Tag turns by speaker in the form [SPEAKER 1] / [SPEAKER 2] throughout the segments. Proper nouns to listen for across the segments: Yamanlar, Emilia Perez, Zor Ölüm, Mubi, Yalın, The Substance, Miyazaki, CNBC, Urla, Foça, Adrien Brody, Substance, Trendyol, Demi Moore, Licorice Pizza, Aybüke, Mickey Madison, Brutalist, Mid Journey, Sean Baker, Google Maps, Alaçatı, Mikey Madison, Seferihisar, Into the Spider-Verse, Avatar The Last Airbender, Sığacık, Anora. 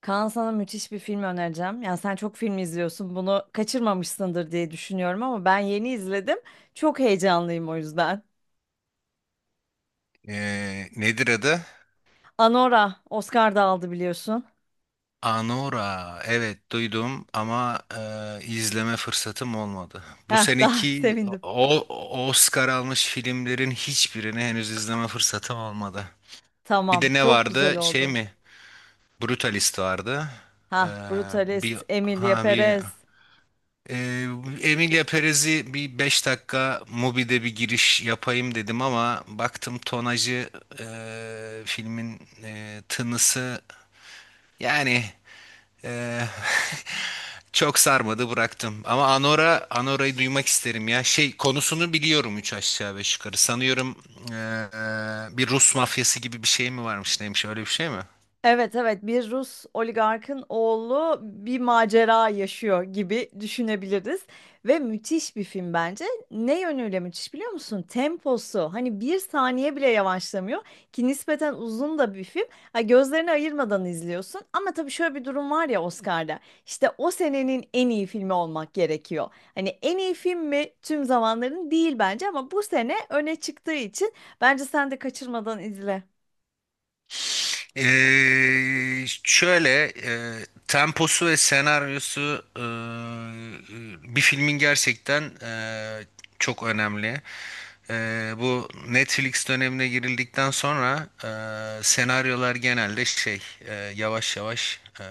[SPEAKER 1] Kaan, sana müthiş bir film önereceğim. Yani sen çok film izliyorsun. Bunu kaçırmamışsındır diye düşünüyorum ama ben yeni izledim. Çok heyecanlıyım o yüzden.
[SPEAKER 2] Nedir adı?
[SPEAKER 1] Anora Oscar da aldı biliyorsun.
[SPEAKER 2] Anora. Evet duydum ama izleme fırsatım olmadı. Bu
[SPEAKER 1] Heh, daha
[SPEAKER 2] seneki
[SPEAKER 1] sevindim.
[SPEAKER 2] Oscar almış filmlerin hiçbirini henüz izleme fırsatım olmadı. Bir
[SPEAKER 1] Tamam,
[SPEAKER 2] de ne
[SPEAKER 1] çok güzel
[SPEAKER 2] vardı? Şey
[SPEAKER 1] oldu.
[SPEAKER 2] mi? Brutalist vardı. Ee,
[SPEAKER 1] Ha,
[SPEAKER 2] bir
[SPEAKER 1] Brutalist, Emilia
[SPEAKER 2] ha bir
[SPEAKER 1] Perez.
[SPEAKER 2] ee, Emilia Perez'i bir 5 dakika Mubi'de bir giriş yapayım dedim ama baktım tonajı, filmin tınısı, yani… Ee, çok sarmadı, bıraktım. Ama Anora, Anora'yı duymak isterim ya. Şey, konusunu biliyorum üç aşağı beş yukarı. Sanıyorum bir Rus mafyası gibi bir şey mi varmış, neymiş, öyle bir şey mi?
[SPEAKER 1] Evet evet, bir Rus oligarkın oğlu bir macera yaşıyor gibi düşünebiliriz ve müthiş bir film bence. Ne yönüyle müthiş biliyor musun? Temposu hani bir saniye bile yavaşlamıyor ki nispeten uzun da bir film. Ha, gözlerini ayırmadan izliyorsun ama tabii şöyle bir durum var ya, Oscar'da işte o senenin en iyi filmi olmak gerekiyor. Hani en iyi film mi tüm zamanların? Değil bence, ama bu sene öne çıktığı için bence sen de kaçırmadan izle.
[SPEAKER 2] Temposu ve senaryosu, bir filmin, gerçekten çok önemli. E, bu Netflix dönemine girildikten sonra senaryolar genelde şey, yavaş yavaş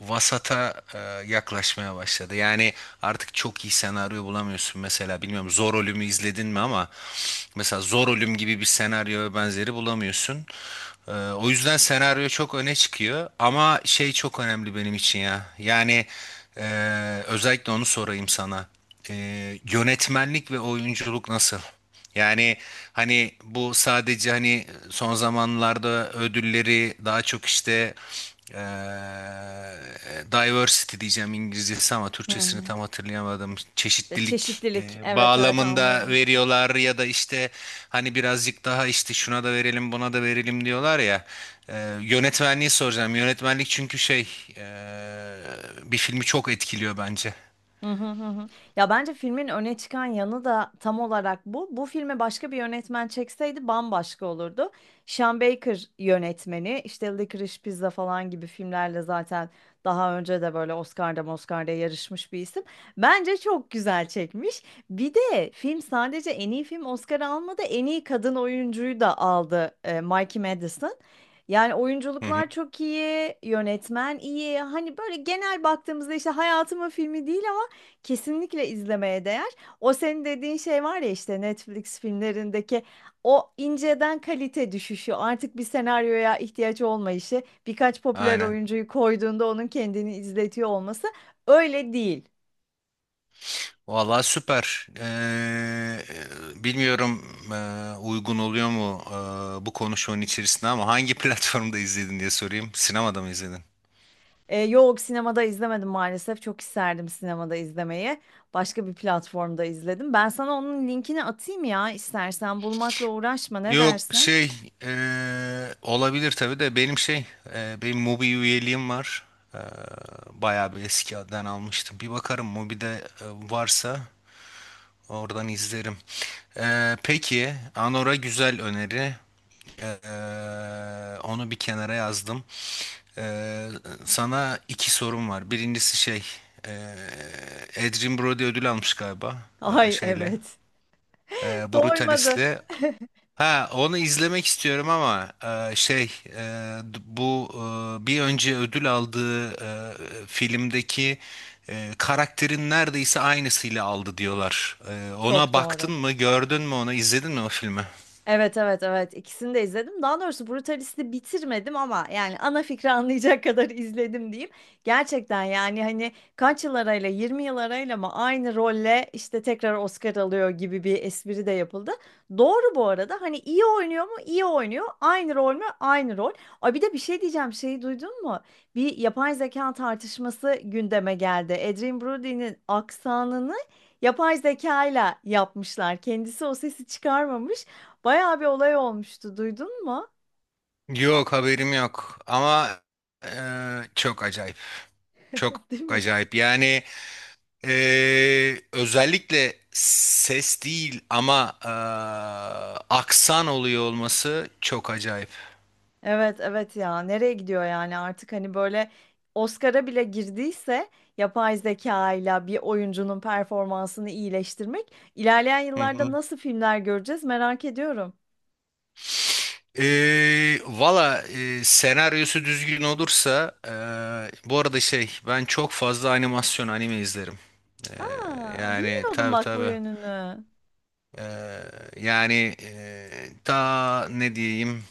[SPEAKER 2] vasata yaklaşmaya başladı. Yani artık çok iyi senaryo bulamıyorsun mesela. Bilmiyorum, Zor Ölüm'ü izledin mi, ama mesela Zor Ölüm gibi bir senaryo ve benzeri bulamıyorsun. O yüzden senaryo çok öne çıkıyor ama şey çok önemli benim için ya. Yani, e, özellikle onu sorayım sana. Yönetmenlik ve oyunculuk nasıl? Yani hani bu sadece hani son zamanlarda ödülleri daha çok işte eee diversity diyeceğim, İngilizcesi, ama Türkçesini
[SPEAKER 1] Hı.
[SPEAKER 2] tam hatırlayamadım.
[SPEAKER 1] Ya,
[SPEAKER 2] Çeşitlilik
[SPEAKER 1] çeşitlilik. Evet evet,
[SPEAKER 2] bağlamında
[SPEAKER 1] anladım.
[SPEAKER 2] veriyorlar, ya da işte hani birazcık daha işte şuna da verelim buna da verelim diyorlar ya. Eee, Yönetmenliği soracağım. Yönetmenlik, çünkü şey eee, bir filmi çok etkiliyor bence.
[SPEAKER 1] Hı hı hı. Hı. Ya bence filmin öne çıkan yanı da tam olarak bu. Bu filme başka bir yönetmen çekseydi bambaşka olurdu. Sean Baker yönetmeni, işte Licorice Pizza falan gibi filmlerle zaten daha önce de böyle Oscar'da yarışmış bir isim. Bence çok güzel çekmiş. Bir de film sadece en iyi film Oscar almadı, en iyi kadın oyuncuyu da aldı, Mikey Madison. Yani
[SPEAKER 2] Hı hı.
[SPEAKER 1] oyunculuklar çok iyi, yönetmen iyi. Hani böyle genel baktığımızda işte hayatımın filmi değil. Kesinlikle izlemeye değer. O senin dediğin şey var ya, işte Netflix filmlerindeki o inceden kalite düşüşü, artık bir senaryoya ihtiyaç olmayışı, birkaç popüler
[SPEAKER 2] Aynen.
[SPEAKER 1] oyuncuyu koyduğunda onun kendini izletiyor olması, öyle değil.
[SPEAKER 2] Valla süper. Bilmiyorum, uygun oluyor mu bu konuşmanın içerisinde ama hangi platformda izledin diye sorayım. Sinemada mı izledin?
[SPEAKER 1] Yok, sinemada izlemedim maalesef. Çok isterdim sinemada izlemeyi. Başka bir platformda izledim. Ben sana onun linkini atayım ya, istersen bulmakla uğraşma, ne
[SPEAKER 2] Yok
[SPEAKER 1] dersin?
[SPEAKER 2] şey, olabilir tabii de benim şey, benim Mubi üyeliğim var. Ee, Bayağı bir eskiden almıştım. Bir bakarım Mubi'de varsa. Oradan izlerim. Peki, Anora güzel öneri. Onu bir kenara yazdım. Ee, Sana iki sorum var. Birincisi şey, ee, Adrien Brody ödül almış galiba,
[SPEAKER 1] Ay
[SPEAKER 2] şeyle,
[SPEAKER 1] evet. Doymadı.
[SPEAKER 2] Brutalis'le. Ha, onu izlemek istiyorum ama e, şey e, d- bu e, bir önce ödül aldığı filmdeki karakterin neredeyse aynısıyla aldı diyorlar. E, ona
[SPEAKER 1] Çok
[SPEAKER 2] baktın
[SPEAKER 1] doğru.
[SPEAKER 2] mı, gördün mü onu, izledin mi o filmi?
[SPEAKER 1] Evet evet evet, ikisini de izledim. Daha doğrusu Brutalist'i bitirmedim ama yani ana fikri anlayacak kadar izledim diyeyim. Gerçekten yani hani kaç yıl arayla, 20 yıl arayla mı aynı rolle işte tekrar Oscar alıyor gibi bir espri de yapıldı. Doğru bu arada, hani iyi oynuyor mu? İyi oynuyor. Aynı rol mü? Aynı rol. Ay, bir de bir şey diyeceğim, şeyi duydun mu? Bir yapay zeka tartışması gündeme geldi. Adrien Brody'nin aksanını yapay zekayla yapmışlar. Kendisi o sesi çıkarmamış. Bayağı bir olay olmuştu. Duydun mu?
[SPEAKER 2] Yok, haberim yok, ama e, çok acayip. Çok
[SPEAKER 1] Değil mi?
[SPEAKER 2] acayip. Yani e, özellikle ses değil ama aksan oluyor olması çok acayip.
[SPEAKER 1] Evet evet, ya nereye gidiyor yani, artık hani böyle Oscar'a bile girdiyse yapay zeka ile bir oyuncunun performansını iyileştirmek, ilerleyen
[SPEAKER 2] Hı
[SPEAKER 1] yıllarda
[SPEAKER 2] hı.
[SPEAKER 1] nasıl filmler göreceğiz merak ediyorum.
[SPEAKER 2] Valla, senaryosu düzgün olursa… Bu arada şey, ben çok fazla animasyon, anime izlerim. Ee,
[SPEAKER 1] Aa,
[SPEAKER 2] Yani
[SPEAKER 1] bilmiyordum
[SPEAKER 2] tabii
[SPEAKER 1] bak bu
[SPEAKER 2] tabii.
[SPEAKER 1] yönünü.
[SPEAKER 2] Ee, Yani, ta ne diyeyim,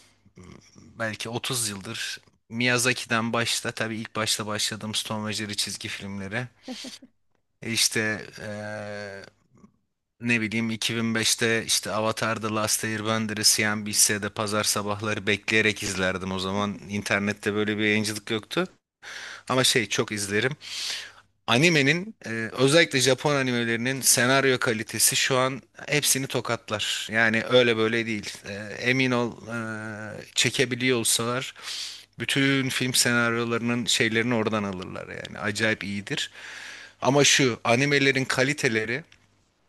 [SPEAKER 2] belki 30 yıldır Miyazaki'den, başta tabii ilk başta başladığım Stone ve Jerry çizgi filmleri. İşte ne bileyim, 2005'te işte Avatar The Last Airbender'ı CNBC'de pazar sabahları bekleyerek izlerdim. O zaman internette böyle bir yayıncılık yoktu. Ama şey, çok izlerim. Animenin, özellikle Japon animelerinin senaryo kalitesi şu an hepsini tokatlar. Yani öyle böyle değil. E, emin ol, çekebiliyor olsalar bütün film senaryolarının şeylerini oradan alırlar yani. Acayip iyidir. Ama şu animelerin kaliteleri…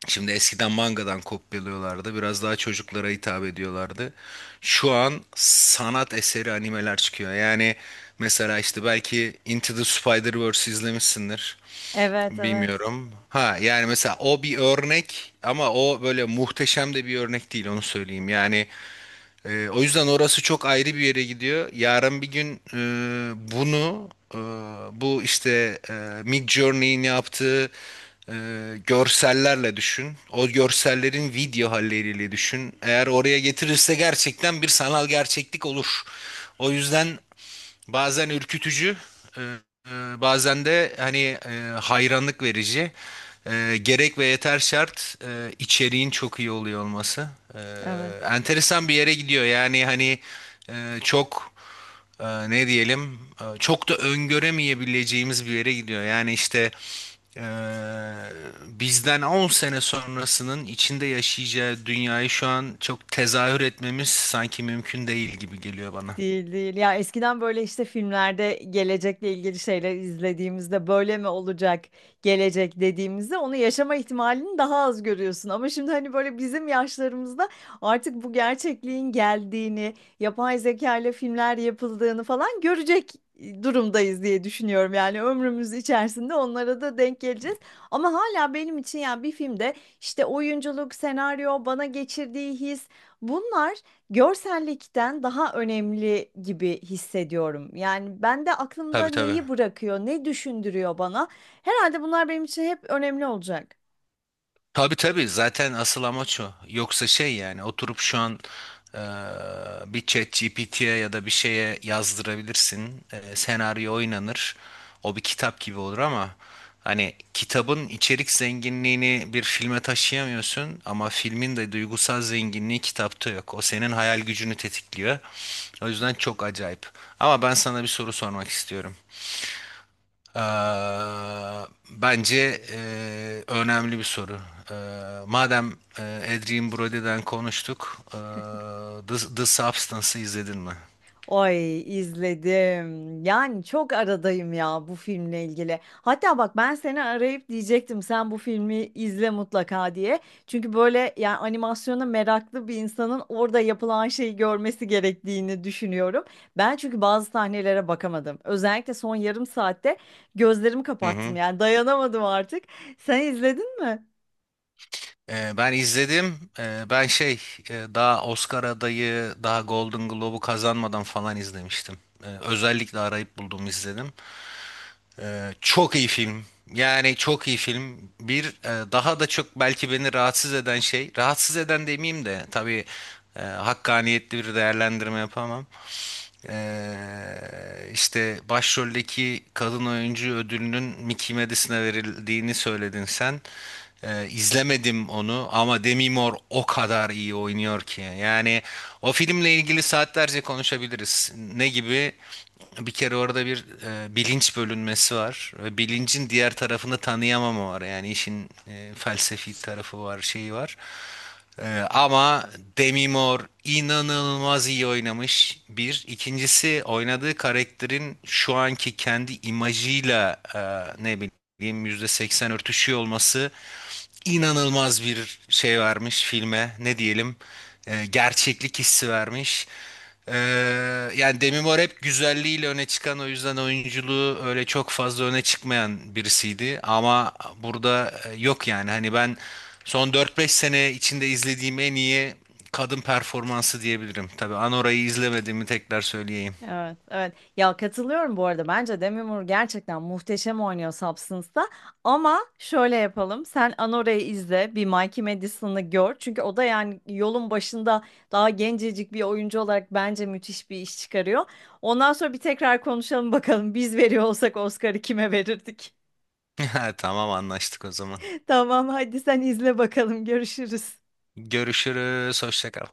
[SPEAKER 2] Şimdi eskiden mangadan kopyalıyorlardı. Biraz daha çocuklara hitap ediyorlardı. Şu an sanat eseri animeler çıkıyor. Yani mesela işte belki Into the Spider-Verse izlemişsindir.
[SPEAKER 1] Evet evet
[SPEAKER 2] Bilmiyorum. Ha, yani mesela o bir örnek ama o böyle muhteşem de bir örnek değil, onu söyleyeyim. Yani o yüzden orası çok ayrı bir yere gidiyor. Yarın bir gün bunu, bu işte Mid Journey'in yaptığı e, görsellerle düşün. O görsellerin video halleriyle düşün. Eğer oraya getirirse gerçekten bir sanal gerçeklik olur. O yüzden… Bazen ürkütücü, e, e, bazen de hani hayranlık verici. E, gerek ve yeter şart, içeriğin çok iyi oluyor olması. E,
[SPEAKER 1] evet.
[SPEAKER 2] Enteresan bir yere gidiyor. Yani hani çok, ne diyelim, çok da öngöremeyebileceğimiz bir yere gidiyor. Yani işte e, bizden 10 sene sonrasının içinde yaşayacağı dünyayı şu an çok tezahür etmemiz sanki mümkün değil gibi geliyor bana.
[SPEAKER 1] Değil değil. Ya eskiden böyle işte filmlerde gelecekle ilgili şeyler izlediğimizde, böyle mi olacak gelecek dediğimizde, onu yaşama ihtimalini daha az görüyorsun. Ama şimdi hani böyle bizim yaşlarımızda artık bu gerçekliğin geldiğini, yapay zeka ile filmler yapıldığını falan görecek durumdayız diye düşünüyorum. Yani ömrümüz içerisinde onlara da denk geleceğiz. Ama hala benim için yani bir filmde işte oyunculuk, senaryo, bana geçirdiği his, bunlar görsellikten daha önemli gibi hissediyorum. Yani ben de aklımda
[SPEAKER 2] Tabii tabii.
[SPEAKER 1] neyi bırakıyor, ne düşündürüyor bana. Herhalde bunlar benim için hep önemli olacak.
[SPEAKER 2] Tabii tabii, zaten asıl amaç o. Yoksa şey, yani oturup şu an eee, bir chat GPT'ye ya da bir şeye yazdırabilirsin. Senaryo oynanır. O bir kitap gibi olur ama hani kitabın içerik zenginliğini bir filme taşıyamıyorsun, ama filmin de duygusal zenginliği kitapta yok. O senin hayal gücünü tetikliyor. O yüzden çok acayip. Ama ben sana bir soru sormak istiyorum. Bence önemli bir soru. Madem Adrien Brody'den konuştuk, The Substance'ı izledin mi?
[SPEAKER 1] Ay, izledim. Yani çok aradayım ya bu filmle ilgili. Hatta bak, ben seni arayıp diyecektim sen bu filmi izle mutlaka diye. Çünkü böyle yani animasyona meraklı bir insanın orada yapılan şeyi görmesi gerektiğini düşünüyorum. Ben çünkü bazı sahnelere bakamadım. Özellikle son yarım saatte gözlerimi
[SPEAKER 2] Hı
[SPEAKER 1] kapattım,
[SPEAKER 2] hı.
[SPEAKER 1] yani dayanamadım artık. Sen izledin mi?
[SPEAKER 2] Ben izledim. Ben şey, daha Oscar adayı, daha Golden Globe'u kazanmadan falan izlemiştim. Özellikle arayıp buldum, izledim. Çok iyi film. Yani çok iyi film. Bir daha da çok belki beni rahatsız eden şey, rahatsız eden demeyeyim de tabii hakkaniyetli bir değerlendirme yapamam. İşte başroldeki kadın oyuncu ödülünün Mickey Madison'a verildiğini söyledin sen. İzlemedim onu ama Demi Moore o kadar iyi oynuyor ki. Yani o filmle ilgili saatlerce konuşabiliriz. Ne gibi? Bir kere orada bir bilinç bölünmesi var ve bilincin diğer tarafını tanıyamama var. Yani işin felsefi tarafı var, şeyi var. Ama Demi Moore inanılmaz iyi oynamış. Bir. İkincisi, oynadığı karakterin şu anki kendi imajıyla ne bileyim %80 örtüşüyor olması inanılmaz bir şey vermiş filme. Ne diyelim? E, gerçeklik hissi vermiş. Ee, Yani Demi Moore hep güzelliğiyle öne çıkan, o yüzden oyunculuğu öyle çok fazla öne çıkmayan birisiydi. Ama burada yok yani, hani ben son dört beş sene içinde izlediğim en iyi kadın performansı diyebilirim. Tabii Anora'yı izlemediğimi tekrar söyleyeyim.
[SPEAKER 1] Evet, evet. Ya katılıyorum bu arada. Bence Demi Moore gerçekten muhteşem oynuyor Substance'da. Ama şöyle yapalım. Sen Anore'yi izle, bir Mikey Madison'ı gör. Çünkü o da yani yolun başında, daha gencecik bir oyuncu olarak bence müthiş bir iş çıkarıyor. Ondan sonra bir tekrar konuşalım bakalım. Biz veriyor olsak Oscar'ı kime verirdik?
[SPEAKER 2] Tamam, anlaştık o zaman.
[SPEAKER 1] Tamam, hadi sen izle bakalım. Görüşürüz.
[SPEAKER 2] Görüşürüz. Hoşça kal.